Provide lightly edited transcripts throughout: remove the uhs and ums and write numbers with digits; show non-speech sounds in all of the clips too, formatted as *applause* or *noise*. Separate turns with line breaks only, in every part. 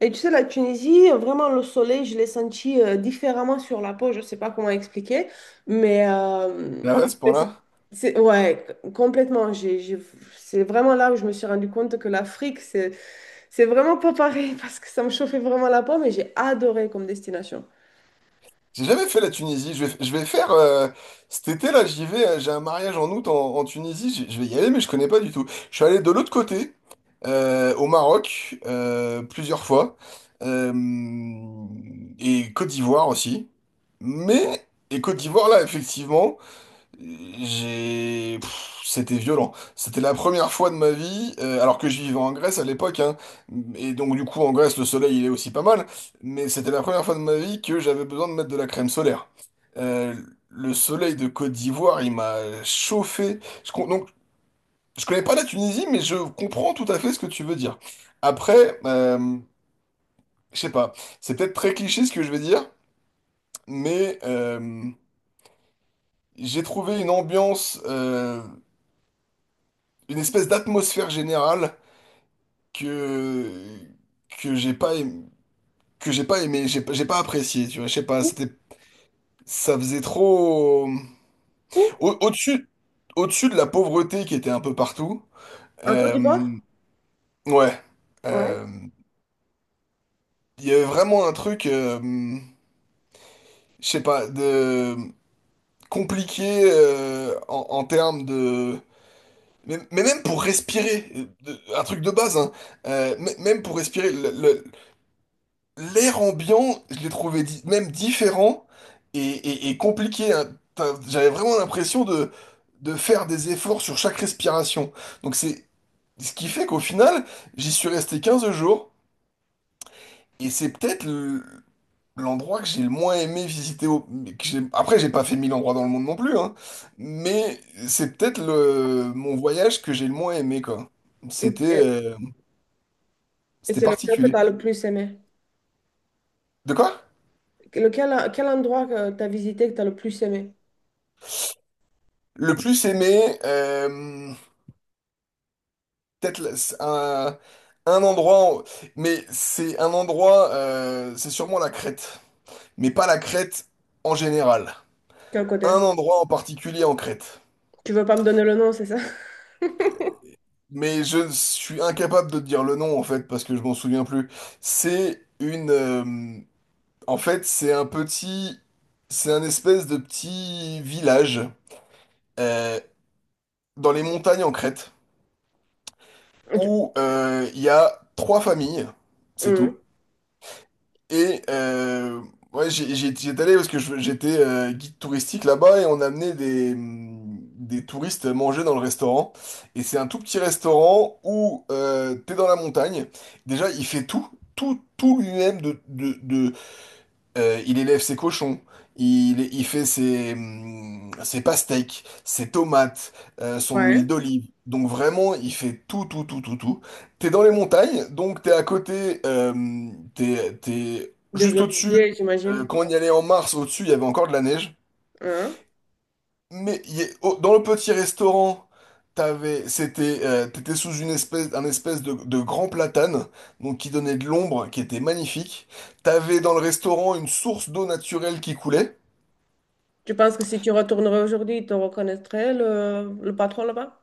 Et tu sais, la Tunisie, vraiment, le soleil, je l'ai senti différemment sur la peau. Je ne sais pas comment expliquer, mais
Ah ouais, à ce
c'est,
point-là?
ouais, complètement. C'est vraiment là où je me suis rendu compte que l'Afrique c'est vraiment pas pareil *laughs* parce que ça me chauffait vraiment la peau, mais j'ai adoré comme destination.
J'ai jamais fait la Tunisie. Je vais faire cet été-là, j'y vais. J'ai un mariage en août en Tunisie. Je vais y aller, mais je connais pas du tout. Je suis allé de l'autre côté, au Maroc, plusieurs fois, euh, et Côte d'Ivoire aussi. Mais et Côte d'Ivoire là, effectivement. C'était violent. C'était la première fois de ma vie, alors que je vivais en Grèce à l'époque, hein, et donc du coup en Grèce le soleil il est aussi pas mal, mais c'était la première fois de ma vie que j'avais besoin de mettre de la crème solaire. Euh, le soleil de Côte d'Ivoire il m'a chauffé. Donc je connais pas la Tunisie, mais je comprends tout à fait ce que tu veux dire. Après, je sais pas, c'est peut-être très cliché ce que je vais dire, mais j'ai trouvé une ambiance. Une espèce d'atmosphère générale que que j'ai pas aimé, que j'ai pas aimé, j'ai pas apprécié, tu vois, je sais pas,
Où?
c'était ça faisait trop
Où?
au-dessus au-dessus de la pauvreté qui était un peu partout.
En Côte
euh,
d'Ivoire?
ouais.
Ouais.
euh, Il y avait vraiment un truc je sais pas de compliqué en termes de mais même pour respirer, un truc de base, hein, même pour respirer, l'air ambiant, je l'ai trouvé même différent et compliqué. Hein. J'avais vraiment l'impression de faire des efforts sur chaque respiration. Donc c'est ce qui fait qu'au final, j'y suis resté 15 jours et c'est peut-être l'endroit que j'ai le moins aimé visiter. Après, j'ai pas fait mille endroits dans le monde non plus, hein, mais c'est peut-être mon voyage que j'ai le moins aimé, quoi. C'était
Et, et
c'était
c'est lequel que tu
particulier.
as le plus aimé?
De quoi?
Lequel, quel endroit que tu as visité que tu as le plus aimé?
Le plus aimé. Peut-être c'est un endroit, mais c'est un endroit, c'est sûrement la Crète, mais pas la Crète en général.
Quel
Un
côté?
endroit en particulier en Crète.
Tu veux pas me donner le nom, c'est ça? *laughs*
Mais je suis incapable de te dire le nom en fait parce que je m'en souviens plus. C'est une, en fait, c'est un petit, c'est un espèce de petit village euh, dans les montagnes en Crète
Tu-
où il y a trois familles, c'est tout.
Hmm.
Et ouais, j'étais allé parce que j'étais guide touristique là-bas et on amenait des touristes manger dans le restaurant. Et c'est un tout petit restaurant où t'es dans la montagne. Déjà, il fait tout, tout, tout lui-même de, il élève ses cochons, il fait ses, ses pastèques, ses tomates, son huile
Ouais.
d'olive. Donc vraiment, il fait tout, tout, tout, tout, tout. T'es dans les montagnes, donc t'es à côté, t'es
Des
juste au-dessus.
oliviers, j'imagine.
Quand on y allait en mars, au-dessus, il y avait encore de la neige.
Hein.
Mais il y a- oh, dans le petit restaurant, t'avais, c'était, t'étais sous une espèce, un espèce de grand platane, donc qui donnait de l'ombre, qui était magnifique. T'avais dans le restaurant une source d'eau naturelle qui coulait.
Tu penses que si tu retournerais aujourd'hui, ils te reconnaîtraient le patron là-bas?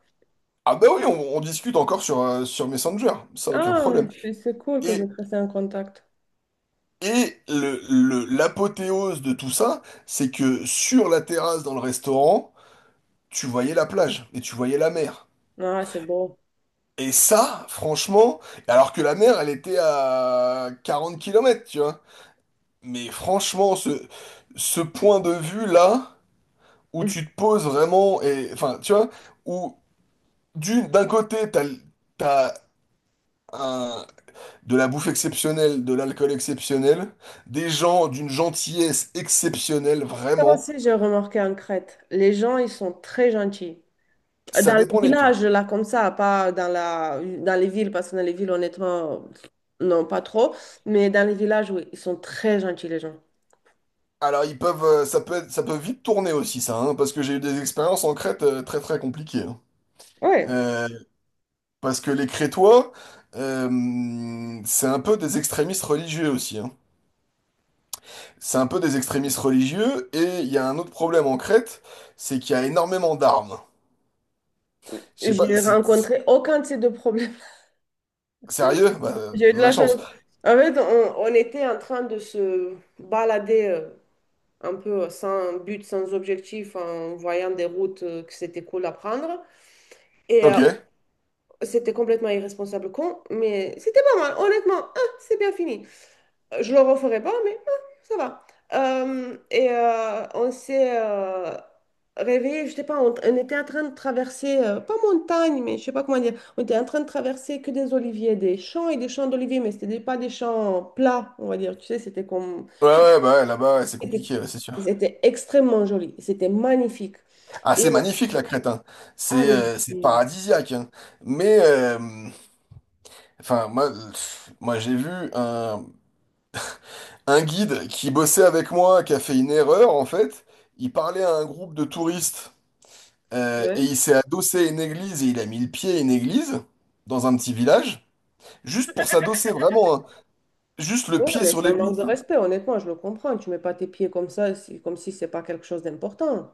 Ah bah oui, on discute encore sur, sur Messenger, ça aucun
Ah,
problème.
c'est cool que vous
Et,
êtes restés en contact.
et le, l'apothéose de tout ça, c'est que sur la terrasse dans le restaurant, tu voyais la plage et tu voyais la mer.
Ah, c'est beau.
Et ça, franchement, alors que la mer, elle était à 40 kilomètres, tu vois. Mais franchement, ce point de vue-là, où tu te
*laughs*
poses vraiment, et, enfin, tu vois, où d'un côté, t'as un- de la bouffe exceptionnelle, de l'alcool exceptionnel, des gens d'une gentillesse exceptionnelle,
Ça
vraiment,
aussi, j'ai remarqué en Crète. Les gens, ils sont très gentils.
ça
Dans les
dépend lesquels.
villages, là, comme ça, pas dans la, dans les villes, parce que dans les villes, honnêtement, non, pas trop. Mais dans les villages, oui, ils sont très gentils, les gens.
Alors, ils peuvent, ça peut ça peut vite tourner aussi, ça, hein, parce que j'ai eu des expériences en Crète très très compliquées. Hein.
Ouais.
Euh, Parce que les Crétois, c'est un peu des extrémistes religieux aussi. Hein. C'est un peu des extrémistes religieux, et il y a un autre problème en Crète, c'est qu'il y a énormément d'armes. Je sais pas,
J'ai rencontré aucun de ces deux problèmes. *laughs*
Sérieux? Bah,
J'ai eu de
de la
la chance.
chance.
En fait, on était en train de se balader un peu sans but, sans objectif, en voyant des routes que c'était cool à prendre. Et
Ok. Ouais,
c'était complètement irresponsable, con, mais c'était pas mal, honnêtement. Ah, c'est bien fini. Je le referai pas, mais ah, ça va. On s'est réveillé, je sais pas, on était en train de traverser, pas montagne, mais je sais pas comment dire, on était en train de traverser que des oliviers, des champs et des champs d'oliviers, mais pas des champs plats, on va dire. Tu sais, c'était comme, je sais pas,
ouais, bah ouais, là-bas, ouais, c'est
c'était
compliqué, ouais, c'est sûr.
c'était extrêmement joli, c'était magnifique.
Ah,
Et
c'est
on-
magnifique, la Crète, hein.
ah, mais
C'est
c'est.
paradisiaque, hein. Mais, enfin, moi, pff, moi j'ai vu un guide qui bossait avec moi, qui a fait une erreur, en fait. Il parlait à un groupe de touristes, et
Ouais.
il s'est adossé à une église, et il a mis le pied à une église, dans un petit village. Juste pour s'adosser, vraiment. Hein. Juste le
Ouais,
pied
mais
sur
c'est un manque
l'église.
de
Hein.
respect, honnêtement, je le comprends. Tu mets pas tes pieds comme ça, c'est- comme si c'est pas quelque chose d'important.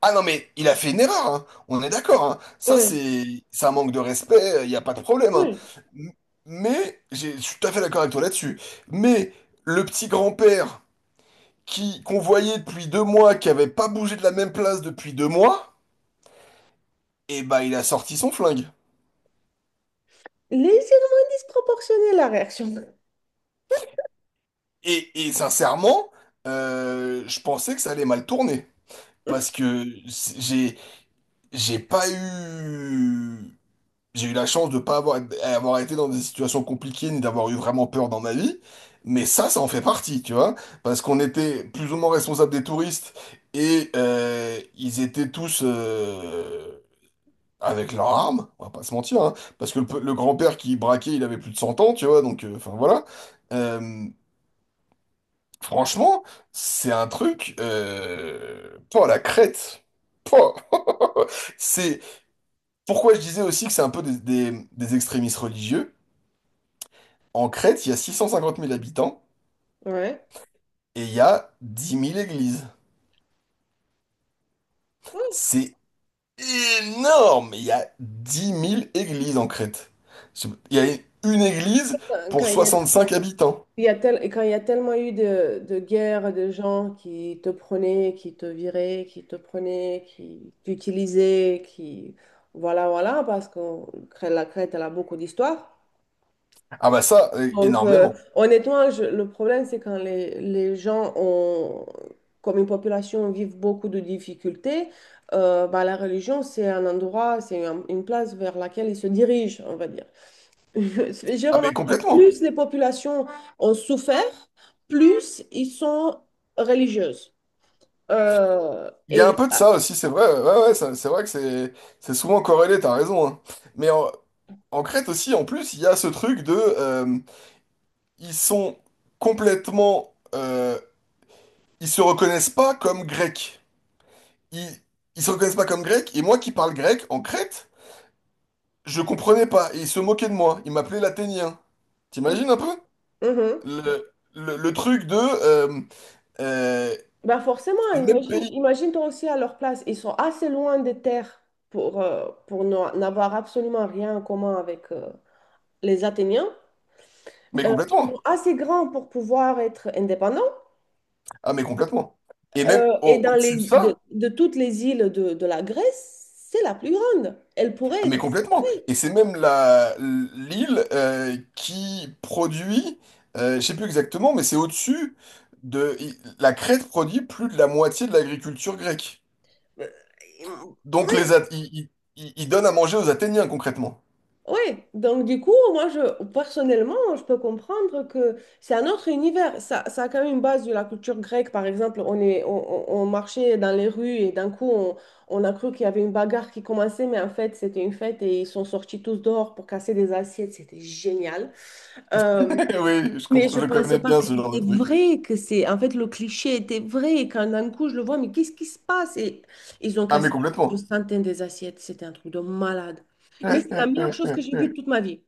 Ah non, mais il a fait une erreur. Hein. On est d'accord. hein. Ça,
Oui.
c'est un manque de respect. Il n'y a pas de problème. Hein.
Ouais.
M- Mais, je suis tout à fait d'accord avec toi là-dessus. Mais le petit grand-père qui qu'on voyait depuis deux mois, qui avait pas bougé de la même place depuis deux mois, eh ben, il a sorti son flingue.
Légèrement disproportionnée la réaction.
Et sincèrement, je pensais que ça allait mal tourner. Parce que c'est- j'ai j'ai pas eu. J'ai eu la chance de pas avoir, avoir été dans des situations compliquées ni d'avoir eu vraiment peur dans ma vie. Mais ça en fait partie, tu vois. Parce qu'on était plus ou moins responsables des touristes et ils étaient tous avec leurs armes, on va pas se mentir. Hein. Parce que le, le grand-père qui braquait, il avait plus de 100 ans, tu vois. Donc, enfin voilà. Euh, Franchement, c'est un truc... Pouah, la crête. Pouah. *laughs* C'est pourquoi je disais aussi que c'est un peu des extrémistes religieux. En Crète, il y a six cent cinquante mille habitants
Ouais.
et il y a dix mille églises.
Oui.
C'est énorme! Il y a dix mille églises en Crète. Il y a une église
Quand
pour
il y a,
65 habitants.
quand il y a tellement eu de guerres, de gens qui te prenaient, qui te viraient, qui te prenaient, qui t'utilisaient, qui... Voilà, voilà, parce que la Crète, elle a beaucoup d'histoire.
Ah bah ça,
Donc,
énormément.
honnêtement, je- le problème, c'est quand les gens ont, comme une population, vivent beaucoup de difficultés, bah, la religion, c'est un endroit, c'est un- une place vers laquelle ils se dirigent, on va dire. *laughs* J'ai
Ah mais
remarqué,
complètement.
plus les populations ont souffert, plus ils sont religieuses. Euh,
Il y a un
et
peu de ça aussi, c'est vrai. Ouais, ouais, c'est vrai que c'est souvent corrélé, t'as raison. Hein. Mais en Crète aussi, en plus, il y a ce truc de... Ils sont complètement... Ils se reconnaissent pas comme grecs. ils, Ils se reconnaissent pas comme grecs, et moi qui parle grec en Crète, je comprenais pas, et ils se moquaient de moi, ils m'appelaient l'athénien. T'imagines un peu?
Mhm.
Le truc de... euh,
Ben forcément,
c'est le même
imagine,
pays.
imagine-toi aussi à leur place. Ils sont assez loin des terres pour, n'avoir absolument rien en commun avec les Athéniens.
Mais
Ils sont
complètement.
assez grands pour pouvoir être indépendants.
Ah mais complètement. Et même
Et
au,
dans
dessus de
les,
ça,
de toutes les îles de la Grèce, c'est la plus grande. Elle pourrait
ah, mais
être
complètement.
séparée.
Et c'est même la l'île qui produit, je sais plus exactement, mais c'est au-dessus de... La Crète produit plus de la moitié de l'agriculture grecque.
Euh,
Donc les
Oui.
Ils donnent à manger aux Athéniens concrètement.
Oui, donc du coup, moi, je, personnellement, je peux comprendre que c'est un autre univers. Ça a quand même une base de la culture grecque. Par exemple, on est, on marchait dans les rues et d'un coup, on a cru qu'il y avait une bagarre qui commençait, mais en fait, c'était une fête et ils sont sortis tous dehors pour casser des assiettes. C'était génial. Euh,
*laughs* Oui, je
mais je
je
pensais
connais
pas
bien
que
ce genre
c'était
de truc.
vrai, que c'est... En fait, le cliché était vrai. Et quand d'un coup, je le vois, mais qu'est-ce qui se passe? Et ils ont
Ah mais
cassé je pense, une
complètement.
centaine des assiettes. C'était un truc de malade. Mais c'est la meilleure chose que j'ai vue
*laughs*
de toute ma vie.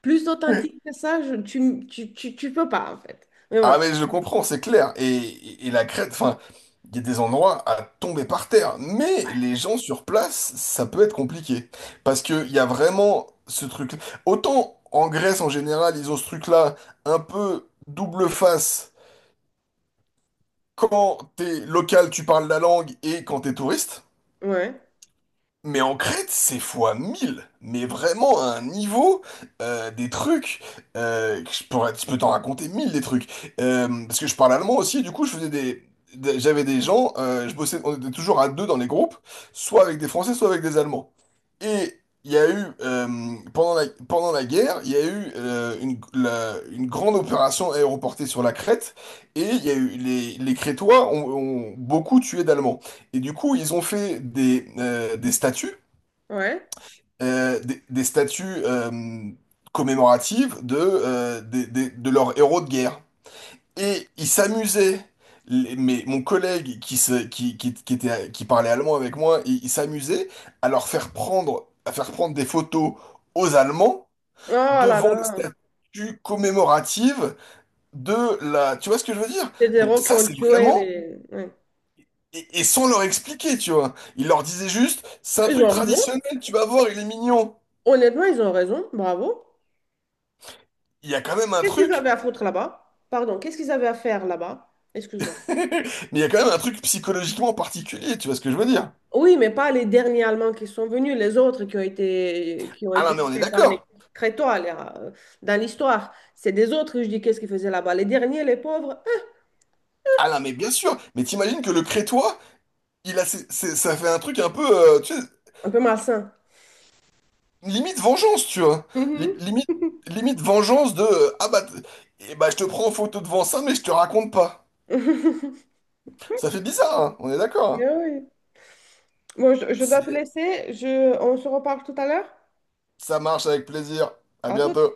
Plus authentique que ça, je- tu peux pas, en fait. Mais
Ah
bon,
mais je comprends, c'est clair. Et, et la Crète, enfin, il y a des endroits à tomber par terre. Mais les gens sur place, ça peut être compliqué. Parce qu'il y a vraiment ce truc. Autant en Grèce en général, ils ont ce truc-là un peu double face. Quand t'es local, tu parles la langue et quand t'es touriste.
ouais,
Mais en Crète, c'est fois 1000. Mais vraiment à un niveau, des trucs, que je pourrais, je peux t'en raconter 1000 des trucs. Parce que je parle allemand aussi, du coup, je faisais des, j'avais des gens, je bossais, on était toujours à deux dans les groupes, soit avec des Français, soit avec des Allemands. Et il y a eu, pendant la guerre, il y a eu une, une grande opération aéroportée sur la Crète, et il y a eu, les Crétois ont beaucoup tué d'Allemands. Et du coup, ils ont fait des statues,
ouais.
des statues commémoratives de, de leurs héros de guerre. Et ils s'amusaient. Mais mon collègue qui était, qui parlait allemand avec moi, il s'amusait à leur faire prendre, à faire prendre des photos aux Allemands
Oh là
devant les
là,
statues commémoratives de la... Tu vois ce que je veux dire?
c'est des
Donc
héros qui
ça,
ont
c'est
tué
vraiment...
les... ouais.
Et sans leur expliquer, tu vois. Il leur disait juste, c'est un
Ils
truc
ont raison.
traditionnel, tu vas voir, il est mignon.
Honnêtement, ils ont raison. Bravo.
Il y a quand même un
Qu'est-ce qu'ils
truc,
avaient à foutre là-bas? Pardon, qu'est-ce qu'ils avaient à faire là-bas?
*laughs*
Excuse-moi.
mais il y a quand même un truc psychologiquement particulier, tu vois ce que je veux dire?
Oui, mais pas les derniers Allemands qui sont venus, les autres qui ont
Ah non,
été
mais on est
tués par les
d'accord.
Crétois dans l'histoire. C'est des autres que je dis qu'est-ce qu'ils faisaient là-bas. Les derniers, les pauvres,
Ah non, mais bien sûr. Mais t'imagines que le crétois, il a, ça fait un truc un peu, tu sais,
un peu malsain.
limite vengeance, tu vois.
Mhm.
Limite, limite vengeance de, ah bah, et bah, je te prends en photo devant ça, mais je te raconte pas.
*laughs*
Ça fait bizarre, hein, on est d'accord.
Mais
hein.
oui. Bon, je dois te
C'est-
laisser. Je, on se reparle tout à l'heure.
Ça marche avec plaisir. À
À tout.
bientôt.